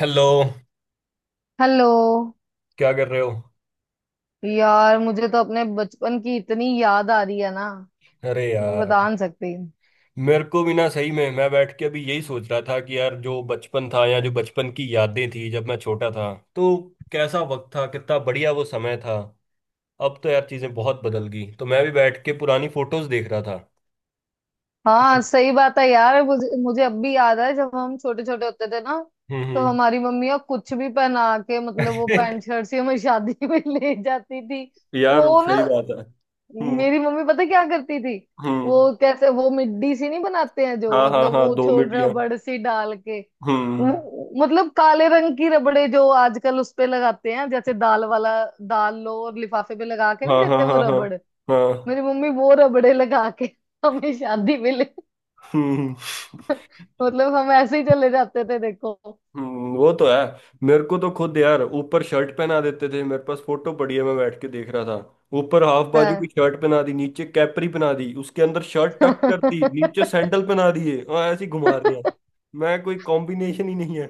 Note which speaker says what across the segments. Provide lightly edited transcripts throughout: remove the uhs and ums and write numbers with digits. Speaker 1: Hello.
Speaker 2: Hello.
Speaker 1: क्या कर रहे हो?
Speaker 2: यार मुझे तो अपने बचपन की इतनी याद आ रही है ना,
Speaker 1: अरे
Speaker 2: मतलब
Speaker 1: यार,
Speaker 2: बता नहीं सकती।
Speaker 1: मेरे को भी ना सही में मैं बैठ के अभी यही सोच रहा था कि यार जो बचपन था या जो बचपन की यादें थी जब मैं छोटा था तो कैसा वक्त था, कितना बढ़िया वो समय था। अब तो यार चीजें बहुत बदल गई, तो मैं भी बैठ के पुरानी फोटोज देख रहा था।
Speaker 2: हाँ, सही बात है यार। मुझे मुझे अब भी याद है जब हम छोटे छोटे होते थे ना।
Speaker 1: हम्म।
Speaker 2: तो
Speaker 1: हम्म।
Speaker 2: हमारी मम्मियाँ कुछ भी पहना के, मतलब वो पैंट शर्ट से हमें शादी में ले जाती थी।
Speaker 1: यार,
Speaker 2: वो ना,
Speaker 1: सही बात है। हम्म।
Speaker 2: मेरी मम्मी पता क्या करती थी।
Speaker 1: हम्म।
Speaker 2: वो कैसे वो मिड्डी सी नहीं बनाते हैं जो,
Speaker 1: हाँ, हाँ,
Speaker 2: मतलब
Speaker 1: हाँ,
Speaker 2: वो
Speaker 1: दो
Speaker 2: छोड़
Speaker 1: मिट्टियाँ।
Speaker 2: रबड़ सी डाल के।
Speaker 1: हम्म।
Speaker 2: मतलब काले रंग की रबड़े जो आजकल उस पे लगाते हैं, जैसे दाल वाला। दाल लो और लिफाफे पे लगा के नहीं
Speaker 1: हाँ, हाँ,
Speaker 2: देते वो
Speaker 1: हाँ, हाँ,
Speaker 2: रबड़।
Speaker 1: हाँ।
Speaker 2: मेरी मम्मी वो रबड़े लगा के हमें शादी में ले
Speaker 1: हम्म।
Speaker 2: मतलब हम ऐसे ही चले जाते थे, देखो।
Speaker 1: वो तो है। मेरे को तो खुद यार ऊपर शर्ट पहना देते थे, मेरे पास फोटो पड़ी है, मैं बैठ के देख रहा था। ऊपर हाफ बाजू की
Speaker 2: हाँ
Speaker 1: शर्ट पहना दी, नीचे कैपरी पहना दी, उसके अंदर शर्ट टक कर दी, नीचे सैंडल पहना दिए और ऐसे ही घुमा रहे हैं। मैं कोई कॉम्बिनेशन ही नहीं है।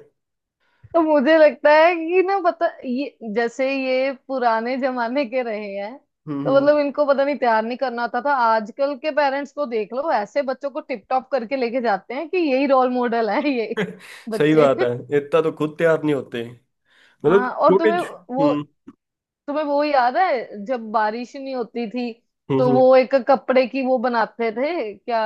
Speaker 2: तो मुझे लगता है कि ना पता, ये जैसे ये पुराने जमाने के रहे हैं। तो
Speaker 1: हम्म।
Speaker 2: मतलब इनको पता नहीं, तैयार नहीं करना होता था। आजकल के पेरेंट्स को देख लो, ऐसे बच्चों को टिप टॉप करके लेके जाते हैं कि यही रोल मॉडल है ये
Speaker 1: सही
Speaker 2: बच्चे।
Speaker 1: बात है। इतना तो खुद तैयार नहीं होते, मतलब
Speaker 2: हाँ। और
Speaker 1: छोटे।
Speaker 2: वो
Speaker 1: हम्म।
Speaker 2: तुम्हें वो याद है जब बारिश नहीं होती थी।
Speaker 1: हम्म।
Speaker 2: तो वो एक कपड़े की वो बनाते थे क्या,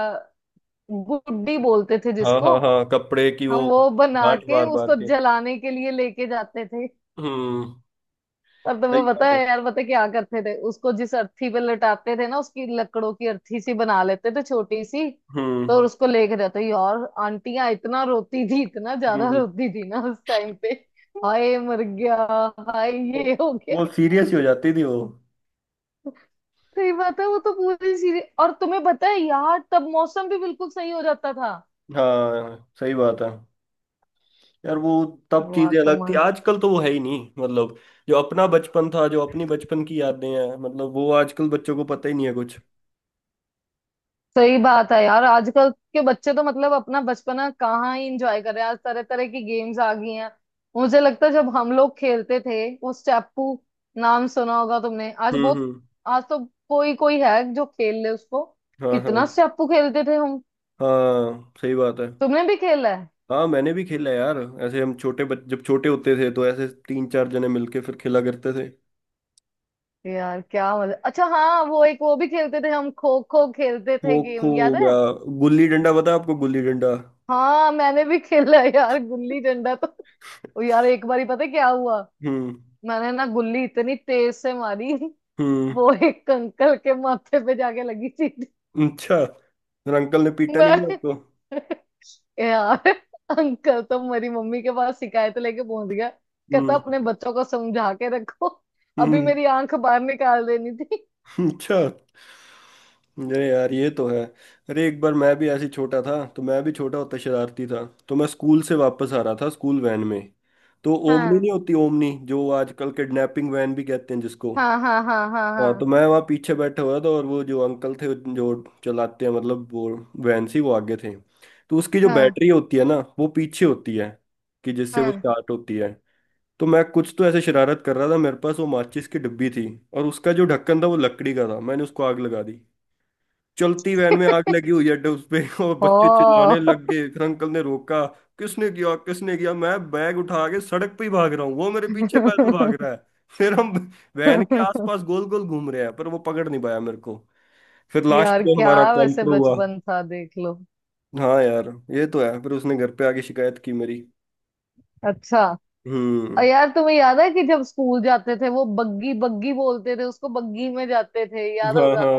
Speaker 2: गुड्डी बोलते थे
Speaker 1: हाँ,
Speaker 2: जिसको।
Speaker 1: हाँ, हाँ, कपड़े की
Speaker 2: हम
Speaker 1: वो।
Speaker 2: वो बना
Speaker 1: गांठ
Speaker 2: के
Speaker 1: बार बार
Speaker 2: उसको
Speaker 1: के।
Speaker 2: जलाने के लिए लेके जाते थे।
Speaker 1: हम्म।
Speaker 2: और
Speaker 1: सही
Speaker 2: तुम्हें पता
Speaker 1: बात है।
Speaker 2: है यार, पता है क्या करते थे उसको? जिस अर्थी पे लटाते थे ना, उसकी लकड़ों की अर्थी सी बना लेते थे छोटी सी।
Speaker 1: हम्म।
Speaker 2: तो उसको लेके जाते यार, आंटियां इतना रोती थी, इतना ज्यादा
Speaker 1: हम्म।
Speaker 2: रोती थी ना उस टाइम पे। हाय मर गया। हाय
Speaker 1: वो
Speaker 2: ये हो गया।
Speaker 1: वो सीरियस ही हो जाती थी वो।
Speaker 2: सही बात है, वो तो पूरी सीरीज। और तुम्हें पता है यार, तब मौसम भी बिल्कुल सही हो जाता था।
Speaker 1: हाँ, सही बात है यार, वो। तब
Speaker 2: वाह।
Speaker 1: चीजें अलग थी, आजकल तो वो है ही नहीं, मतलब जो अपना बचपन था, जो अपनी बचपन की यादें हैं, मतलब वो आजकल बच्चों को पता ही नहीं है कुछ।
Speaker 2: सही बात है यार। आजकल के बच्चे तो मतलब अपना बचपना कहाँ ही इंजॉय कर रहे हैं, आज तरह तरह की गेम्स आ गई हैं। मुझे लगता है जब हम लोग खेलते थे वो स्टेपू, नाम सुना होगा तुमने। आज
Speaker 1: हम्म।
Speaker 2: बहुत,
Speaker 1: हम्म।
Speaker 2: आज तो कोई कोई है जो खेल ले उसको।
Speaker 1: हाँ,
Speaker 2: कितना
Speaker 1: हाँ,
Speaker 2: स्टेपू खेलते थे हम।
Speaker 1: हाँ, सही बात है।
Speaker 2: तुमने भी खेला है।
Speaker 1: हाँ, मैंने भी खेला यार। ऐसे हम छोटे बच जब छोटे होते थे तो ऐसे तीन चार जने मिलके फिर खेला करते थे।
Speaker 2: यार क्या मजा। अच्छा हाँ, वो भी खेलते थे, हम खो खो खेलते
Speaker 1: खो
Speaker 2: थे।
Speaker 1: खो
Speaker 2: गेम
Speaker 1: हो
Speaker 2: याद है?
Speaker 1: गया। गुल्ली डंडा, पता है आपको गुल्ली डंडा?
Speaker 2: हाँ, मैंने भी खेला है यार गुल्ली डंडा तो। ओ यार, एक बारी पता है क्या हुआ?
Speaker 1: हम्म।
Speaker 2: मैंने ना गुल्ली इतनी तेज से मारी।
Speaker 1: हम्म।
Speaker 2: वो एक अंकल के माथे पे जाके लगी सीधी।
Speaker 1: अच्छा। मेरे अंकल ने पीटा नहीं
Speaker 2: मैं
Speaker 1: गया आपको?
Speaker 2: यार। अंकल तो मेरी मम्मी के पास शिकायत लेके पहुंच गया, कहता
Speaker 1: हम्म।
Speaker 2: अपने बच्चों को समझा के रखो। अभी
Speaker 1: हम्म।
Speaker 2: मेरी आंख बाहर निकाल देनी थी।
Speaker 1: अच्छा। अरे यार, ये तो है। अरे एक बार मैं भी ऐसे ही छोटा था, तो मैं भी छोटा होता शरारती था, तो मैं स्कूल से वापस आ रहा था स्कूल वैन में। तो ओमनी
Speaker 2: हाँ,
Speaker 1: नहीं होती, ओमनी जो आजकल किडनैपिंग वैन भी कहते हैं जिसको।
Speaker 2: हाँ, हाँ, हाँ, हाँ,
Speaker 1: हाँ, तो
Speaker 2: हाँ,
Speaker 1: मैं वहाँ पीछे बैठा हुआ था और वो जो अंकल थे, जो चलाते हैं, मतलब वो वैन सी, वो आगे थे। तो उसकी जो
Speaker 2: हाँ,
Speaker 1: बैटरी होती है ना, वो पीछे होती है, कि जिससे वो
Speaker 2: हाँ।
Speaker 1: स्टार्ट होती है। तो मैं कुछ तो ऐसे शरारत कर रहा था, मेरे पास वो माचिस की डिब्बी थी और उसका जो ढक्कन था वो लकड़ी का था, मैंने उसको आग लगा दी। चलती वैन में आग लगी हुई है, उस पे। और
Speaker 2: ओ
Speaker 1: बच्चे चिल्लाने लग गए, फिर अंकल ने रोका, किसने किया, किसने किया? मैं बैग उठा के सड़क पे ही भाग रहा हूँ, वो मेरे पीछे पैदल भाग रहा है। फिर हम वैन के आसपास गोल गोल घूम रहे हैं पर वो पकड़ नहीं पाया मेरे को। फिर लास्ट
Speaker 2: यार
Speaker 1: में
Speaker 2: क्या,
Speaker 1: हमारा
Speaker 2: वैसे
Speaker 1: काउंटर हुआ।
Speaker 2: बचपन था देख लो।
Speaker 1: हाँ यार, ये तो है। फिर उसने घर पे आके शिकायत की मेरी।
Speaker 2: अच्छा। और
Speaker 1: हम्म।
Speaker 2: यार तुम्हें याद है कि जब स्कूल जाते थे, वो बग्गी बग्गी बोलते थे उसको, बग्गी में जाते थे, याद
Speaker 1: हाँ,
Speaker 2: होगा?
Speaker 1: हाँ।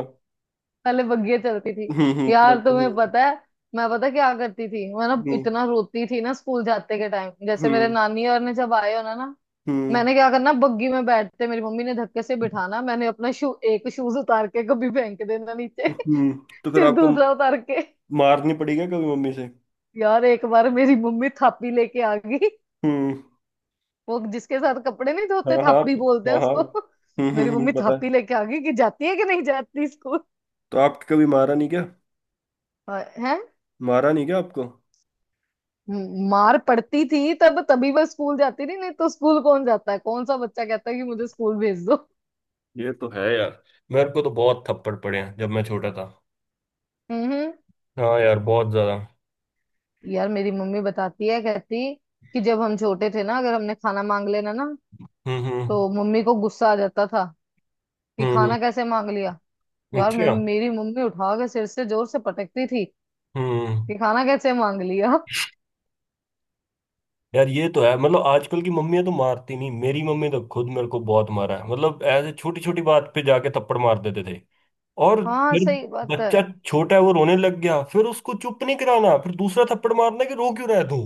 Speaker 2: पहले बग्गियां चलती थी।
Speaker 1: हम्म। हम्म,
Speaker 2: यार
Speaker 1: पहले,
Speaker 2: तुम्हें
Speaker 1: हम्म।
Speaker 2: पता है, मैं पता क्या करती थी, मैं ना
Speaker 1: हम्म।
Speaker 2: इतना रोती थी ना स्कूल जाते के टाइम, जैसे मेरे
Speaker 1: हम्म।
Speaker 2: नानी और ने जब आए होना ना ना,
Speaker 1: हम्म।
Speaker 2: मैंने क्या करना, बग्गी में बैठते मेरी मम्मी ने धक्के से बिठाना, मैंने अपना शू एक शूज उतार के कभी फेंक देना नीचे
Speaker 1: हम्म। तो फिर
Speaker 2: फिर
Speaker 1: आपको
Speaker 2: दूसरा उतार के।
Speaker 1: मारनी पड़ी क्या कभी मम्मी से?
Speaker 2: यार एक बार मेरी मम्मी थापी लेके आ गई।
Speaker 1: हम्म।
Speaker 2: वो जिसके साथ कपड़े नहीं
Speaker 1: हाँ,
Speaker 2: धोते,
Speaker 1: हाँ,
Speaker 2: थापी बोलते
Speaker 1: हाँ,
Speaker 2: हैं
Speaker 1: हाँ।
Speaker 2: उसको
Speaker 1: हम्म।
Speaker 2: मेरी
Speaker 1: हम्म।
Speaker 2: मम्मी
Speaker 1: पता
Speaker 2: थापी
Speaker 1: है।
Speaker 2: लेके आ गई कि जाती है कि नहीं जाती स्कूल।
Speaker 1: तो आपके कभी मारा नहीं क्या?
Speaker 2: है।
Speaker 1: मारा नहीं क्या आपको?
Speaker 2: मार पड़ती थी तब तभी वह स्कूल जाती थी, नहीं तो स्कूल कौन जाता है, कौन सा बच्चा कहता है कि मुझे स्कूल भेज दो।
Speaker 1: ये तो है यार। मेरे को तो बहुत थप्पड़ पड़े हैं जब मैं छोटा था।
Speaker 2: हम्म।
Speaker 1: हाँ यार, बहुत ज्यादा।
Speaker 2: यार मेरी मम्मी बताती है, कहती कि जब हम छोटे थे ना, अगर हमने खाना मांग लेना ना,
Speaker 1: हम्म। हम्म।
Speaker 2: तो मम्मी को गुस्सा आ जाता था कि
Speaker 1: हम्म।
Speaker 2: खाना कैसे मांग लिया। यार मे
Speaker 1: अच्छा।
Speaker 2: मेरी मम्मी उठा के सिर से जोर से पटकती थी।
Speaker 1: हम्म।
Speaker 2: कि खाना कैसे मांग लिया।
Speaker 1: यार, ये तो है, मतलब आजकल की मम्मियां तो मारती नहीं, मेरी मम्मी तो खुद मेरे को बहुत मारा है, मतलब ऐसे छोटी छोटी बात पे जाके थप्पड़ मार देते थे। और
Speaker 2: हाँ,
Speaker 1: फिर
Speaker 2: सही बात है।
Speaker 1: बच्चा छोटा है वो रोने लग गया, फिर उसको चुप नहीं कराना, फिर दूसरा थप्पड़ मारना कि रो क्यों रहा है तू।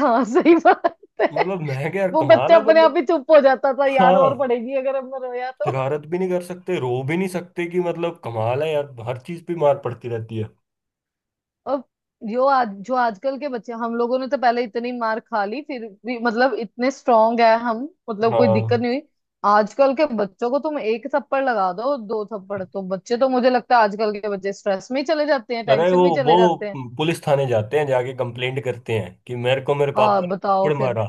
Speaker 2: हाँ, सही बात है।
Speaker 1: मतलब मैं क्या यार,
Speaker 2: वो
Speaker 1: कमाल
Speaker 2: बच्चा
Speaker 1: है
Speaker 2: अपने आप
Speaker 1: मतलब।
Speaker 2: ही चुप हो जाता था यार,
Speaker 1: हाँ।
Speaker 2: और पढ़ेगी अगर हमने रोया तो।
Speaker 1: शरारत भी नहीं कर सकते, रो भी नहीं सकते कि, मतलब कमाल है यार, हर चीज पे मार पड़ती रहती है।
Speaker 2: अब जो आजकल के बच्चे, हम लोगों ने तो पहले इतनी मार खा ली, फिर भी मतलब इतने स्ट्रांग है हम। मतलब कोई दिक्कत
Speaker 1: हाँ।
Speaker 2: नहीं हुई। आजकल के बच्चों को तुम एक थप्पड़ लगा दो, दो थप्पड़ तो, बच्चे तो मुझे लगता है आजकल के बच्चे स्ट्रेस में ही चले जाते हैं,
Speaker 1: अरे
Speaker 2: टेंशन
Speaker 1: वो
Speaker 2: में ही
Speaker 1: वो
Speaker 2: चले जाते हैं।
Speaker 1: पुलिस थाने जाते हैं, जाके कंप्लेंट करते हैं कि मेरे को मेरे
Speaker 2: हाँ
Speaker 1: पापा ने
Speaker 2: बताओ
Speaker 1: थप्पड़
Speaker 2: फिर।
Speaker 1: मारा।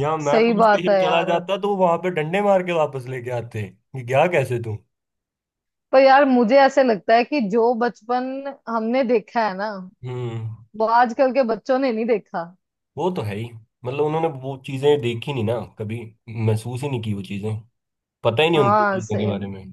Speaker 1: या मैं
Speaker 2: सही
Speaker 1: पुलिस
Speaker 2: बात
Speaker 1: स्टेशन
Speaker 2: है
Speaker 1: चला
Speaker 2: यार।
Speaker 1: जाता तो वहां पे डंडे मार के वापस लेके आते कि क्या, कैसे तू।
Speaker 2: पर यार मुझे ऐसे लगता है कि जो बचपन हमने देखा है ना,
Speaker 1: हम्म।
Speaker 2: वो आजकल के बच्चों ने नहीं देखा।
Speaker 1: वो तो है ही, मतलब उन्होंने वो चीजें देखी नहीं ना कभी, महसूस ही नहीं की वो चीजें, पता ही नहीं उनको
Speaker 2: हाँ
Speaker 1: चीजों के
Speaker 2: सही,
Speaker 1: बारे में।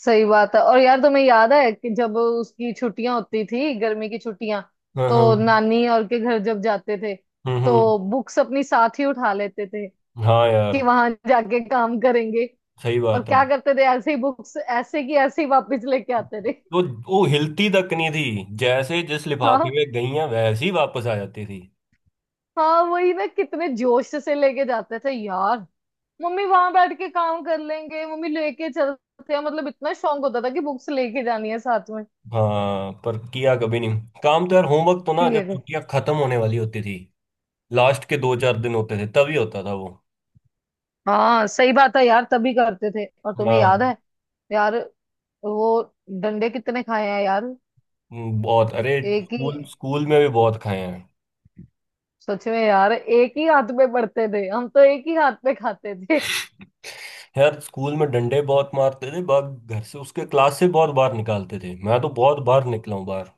Speaker 2: सही बात है। और यार तुम्हें याद है कि जब उसकी छुट्टियां होती थी, गर्मी की छुट्टियां,
Speaker 1: हाँ, हाँ।
Speaker 2: तो नानी और के घर जब जाते थे
Speaker 1: हम्म। हम्म।
Speaker 2: तो बुक्स अपनी साथ ही उठा लेते थे
Speaker 1: हाँ यार।
Speaker 2: कि वहां जाके काम करेंगे।
Speaker 1: सही
Speaker 2: और
Speaker 1: बात
Speaker 2: क्या
Speaker 1: है।
Speaker 2: करते थे, ऐसे ही बुक्स ऐसे की ऐसे ही वापस लेके आते थे।
Speaker 1: तो वो हिलती तक नहीं थी, जैसे जिस लिफाफे
Speaker 2: हाँ,
Speaker 1: में गई हैं वैसे ही वापस आ जाती थी।
Speaker 2: हाँ, वही ना। कितने जोश से लेके जाते थे यार। मम्मी, वहां बैठ के काम कर लेंगे मम्मी, लेके चलते हैं, मतलब इतना शौक होता था कि बुक्स लेके जानी है साथ में।
Speaker 1: हाँ, पर किया कभी नहीं काम तो यार, होमवर्क तो ना
Speaker 2: ठीक है
Speaker 1: जब
Speaker 2: फिर।
Speaker 1: छुट्टियां खत्म होने वाली होती थी, लास्ट के दो चार दिन होते थे तभी होता था वो।
Speaker 2: हाँ सही बात है यार, तभी करते थे। और तुम्हें याद
Speaker 1: हाँ।
Speaker 2: है यार, वो डंडे कितने खाए हैं यार।
Speaker 1: बहुत। अरे
Speaker 2: एक ही,
Speaker 1: स्कूल स्कूल में भी बहुत खाए हैं।
Speaker 2: सच में यार, एक ही हाथ में पड़ते थे, हम तो एक ही हाथ में खाते थे।
Speaker 1: यार स्कूल में डंडे बहुत मारते थे, बग घर से उसके क्लास से बहुत बार निकालते थे, मैं तो बहुत बार निकला हूँ बाहर।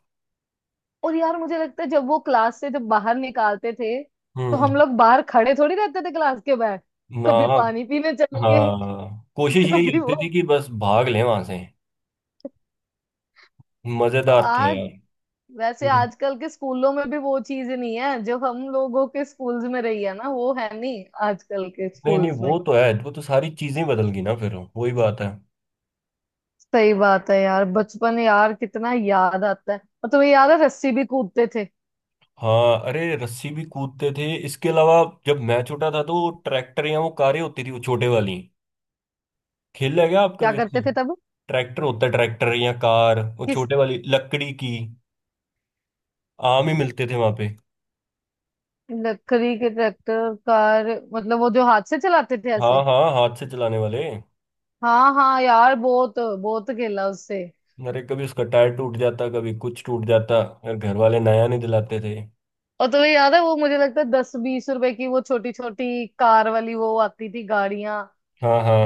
Speaker 2: और यार मुझे लगता है जब वो क्लास से जब बाहर निकालते थे, तो
Speaker 1: हम्म।
Speaker 2: हम लोग बाहर खड़े थोड़ी रहते थे क्लास के बाहर। कभी
Speaker 1: ना।
Speaker 2: पानी पीने चले गए
Speaker 1: हाँ, कोशिश यही
Speaker 2: कभी वो।
Speaker 1: होती थी कि बस भाग लें वहां से। मजेदार था
Speaker 2: आज
Speaker 1: यार।
Speaker 2: वैसे
Speaker 1: हम्म,
Speaker 2: आजकल के स्कूलों में भी वो चीज नहीं है जो हम लोगों के स्कूल्स में रही है ना, वो है नहीं आजकल के
Speaker 1: नहीं नहीं,
Speaker 2: स्कूल्स
Speaker 1: वो
Speaker 2: में।
Speaker 1: तो है, वो तो सारी चीजें बदल गई ना, फिर वही बात है।
Speaker 2: सही बात है यार, बचपन यार कितना याद आता है। और तुम्हें याद है, रस्सी भी कूदते थे।
Speaker 1: हाँ, अरे रस्सी भी कूदते थे, इसके अलावा जब मैं छोटा था तो वो ट्रैक्टर या वो कारें होती थी, वो छोटे वाली। खेला है क्या आप
Speaker 2: क्या
Speaker 1: कभी उसकी?
Speaker 2: करते थे तब?
Speaker 1: ट्रैक्टर होता है, ट्रैक्टर या कार, वो
Speaker 2: किस?
Speaker 1: छोटे वाली लकड़ी की। आम ही मिलते थे वहां पे।
Speaker 2: लकड़ी के ट्रैक्टर कार, मतलब वो जो हाथ से चलाते थे
Speaker 1: हाँ,
Speaker 2: ऐसे?
Speaker 1: हाँ, हाथ से चलाने वाले।
Speaker 2: हाँ, हाँ, यार बहुत बहुत खेला उससे।
Speaker 1: अरे कभी उसका टायर टूट जाता, कभी कुछ टूट जाता और घर वाले नया नहीं दिलाते थे।
Speaker 2: और तुम्हें याद है, वो मुझे लगता है 10 20 रुपए की वो छोटी छोटी कार वाली वो आती थी गाड़ियां
Speaker 1: हाँ, हाँ,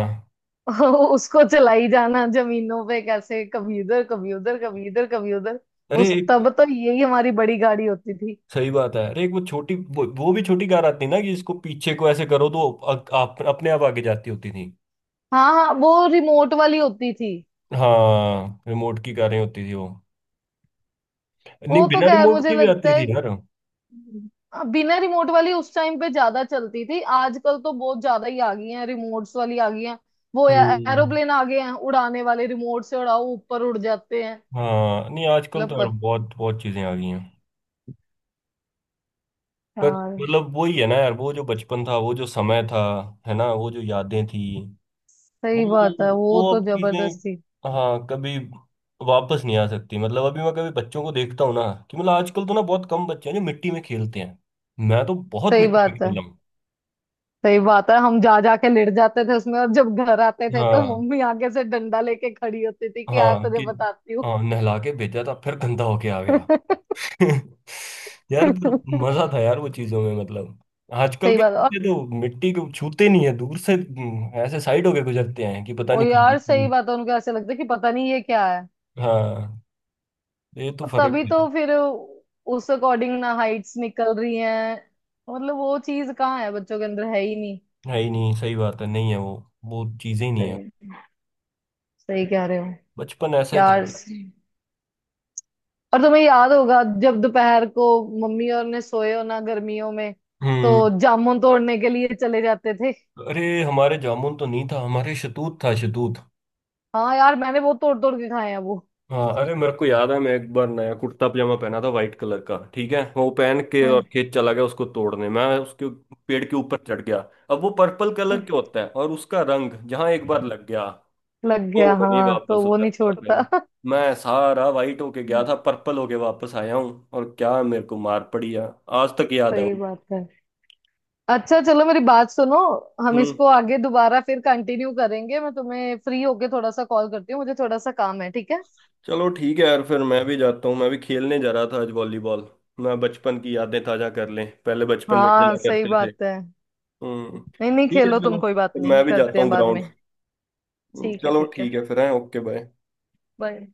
Speaker 2: उसको चलाई जाना जमीनों पे कैसे, कभी उधर कभी उधर, कभी इधर कभी उधर।
Speaker 1: अरे
Speaker 2: उस
Speaker 1: एक।
Speaker 2: तब तो यही हमारी बड़ी गाड़ी होती थी।
Speaker 1: सही बात है, अरे एक वो छोटी वो भी छोटी कार आती ना कि इसको पीछे को ऐसे करो तो आप अपने आप आगे जाती होती थी।
Speaker 2: हाँ, हाँ, वो रिमोट वाली होती थी।
Speaker 1: हाँ, रिमोट की कारें होती थी वो। नहीं,
Speaker 2: वो तो
Speaker 1: बिना
Speaker 2: क्या है,
Speaker 1: रिमोट
Speaker 2: मुझे
Speaker 1: की भी
Speaker 2: लगता
Speaker 1: आती
Speaker 2: है
Speaker 1: थी यार।
Speaker 2: बिना रिमोट वाली उस टाइम पे ज्यादा चलती थी। आजकल तो बहुत ज्यादा ही आ गई हैं, रिमोट्स वाली आ गई हैं। वो
Speaker 1: हम्म।
Speaker 2: एरोप्लेन आ गए हैं उड़ाने वाले, रिमोट से उड़ाओ ऊपर उड़ जाते हैं।
Speaker 1: हाँ, नहीं आजकल
Speaker 2: मतलब
Speaker 1: तो यार बहुत बहुत चीजें आ गई हैं। पर
Speaker 2: यार।
Speaker 1: मतलब वही है ना यार, वो जो बचपन था, वो जो समय था, है ना, वो जो यादें थी, वो
Speaker 2: सही बात है, वो
Speaker 1: वो
Speaker 2: तो
Speaker 1: अब चीजें,
Speaker 2: जबरदस्ती।
Speaker 1: हाँ कभी वापस नहीं आ सकती। मतलब अभी मैं कभी बच्चों को देखता हूँ ना, कि मतलब आजकल तो ना बहुत कम बच्चे हैं जो मिट्टी में खेलते हैं, मैं तो बहुत
Speaker 2: सही
Speaker 1: मिट्टी में
Speaker 2: बात है।
Speaker 1: खेला हूँ।
Speaker 2: सही बात है। हम जा जा के लेट जाते थे उसमें, और जब घर आते थे तो
Speaker 1: हाँ।
Speaker 2: मम्मी आगे से डंडा लेके खड़ी होती थी कि यार
Speaker 1: हाँ
Speaker 2: तुझे
Speaker 1: कि
Speaker 2: बताती हूँ
Speaker 1: हाँ, नहला के भेजा था फिर गंदा होके आ गया। यार, पर मजा था यार वो चीजों में, मतलब आजकल
Speaker 2: सही
Speaker 1: के
Speaker 2: बात है। और
Speaker 1: बच्चे तो मिट्टी को छूते नहीं है दूर से, ऐसे साइड होके गुजरते हैं कि पता
Speaker 2: ओ
Speaker 1: नहीं
Speaker 2: यार, सही बात है, उनको ऐसे लगता है कि पता नहीं ये क्या।
Speaker 1: कहाँ। हाँ, ये तो
Speaker 2: और
Speaker 1: फर्क
Speaker 2: तभी
Speaker 1: है।
Speaker 2: तो फिर, उस अकॉर्डिंग ना हाइट्स निकल रही हैं। मतलब वो चीज कहाँ है, बच्चों के अंदर है ही नहीं।
Speaker 1: है ही नहीं, सही बात है, नहीं है वो चीजें ही नहीं है।
Speaker 2: सही, सही कह रहे हो
Speaker 1: बचपन ऐसा ही था।
Speaker 2: यार। और तुम्हें याद होगा, जब दोपहर को मम्मी और ने सोए हो ना गर्मियों में।
Speaker 1: हम्म।
Speaker 2: तो जामुन तोड़ने के लिए चले जाते थे।
Speaker 1: अरे हमारे जामुन तो नहीं था, हमारे शतूत था, शतूत।
Speaker 2: हाँ यार, मैंने वो तोड़ तोड़ के खाए हैं वो।
Speaker 1: हाँ, अरे मेरे को याद है, मैं एक बार नया कुर्ता पजामा पहना था वाइट कलर का, ठीक है, वो पहन के और
Speaker 2: हाँ,
Speaker 1: खेत चला गया उसको तोड़ने, मैं उसके पेड़ के ऊपर चढ़ गया। अब वो पर्पल कलर के होता है और उसका रंग जहाँ एक बार लग गया,
Speaker 2: लग गया।
Speaker 1: वो नहीं
Speaker 2: हाँ तो
Speaker 1: वापस
Speaker 2: वो नहीं
Speaker 1: उतरता। अरे
Speaker 2: छोड़ता
Speaker 1: मैं सारा वाइट होके गया था, पर्पल होके वापस आया हूँ, और क्या मेरे को मार पड़ी है, आज तक याद है
Speaker 2: सही
Speaker 1: वो।
Speaker 2: बात है। अच्छा चलो, मेरी बात सुनो। हम
Speaker 1: हम्म।
Speaker 2: इसको आगे दोबारा फिर कंटिन्यू करेंगे, मैं तुम्हें फ्री होके थोड़ा सा कॉल करती हूँ, मुझे थोड़ा सा काम है, ठीक है?
Speaker 1: चलो ठीक है यार, फिर मैं भी जाता हूँ, मैं भी खेलने जा रहा था आज वॉलीबॉल। मैं बचपन की यादें ताजा कर लें, पहले बचपन में खेला
Speaker 2: हाँ सही
Speaker 1: करते थे।
Speaker 2: बात है।
Speaker 1: हम्म।
Speaker 2: नहीं, नहीं,
Speaker 1: ठीक है
Speaker 2: खेलो तुम,
Speaker 1: चलो,
Speaker 2: कोई बात
Speaker 1: फिर
Speaker 2: नहीं,
Speaker 1: मैं भी
Speaker 2: करते
Speaker 1: जाता
Speaker 2: हैं
Speaker 1: हूँ
Speaker 2: बाद
Speaker 1: ग्राउंड।
Speaker 2: में। ठीक है,
Speaker 1: चलो
Speaker 2: ठीक है।
Speaker 1: ठीक है फिर, है, ओके बाय।
Speaker 2: बाय।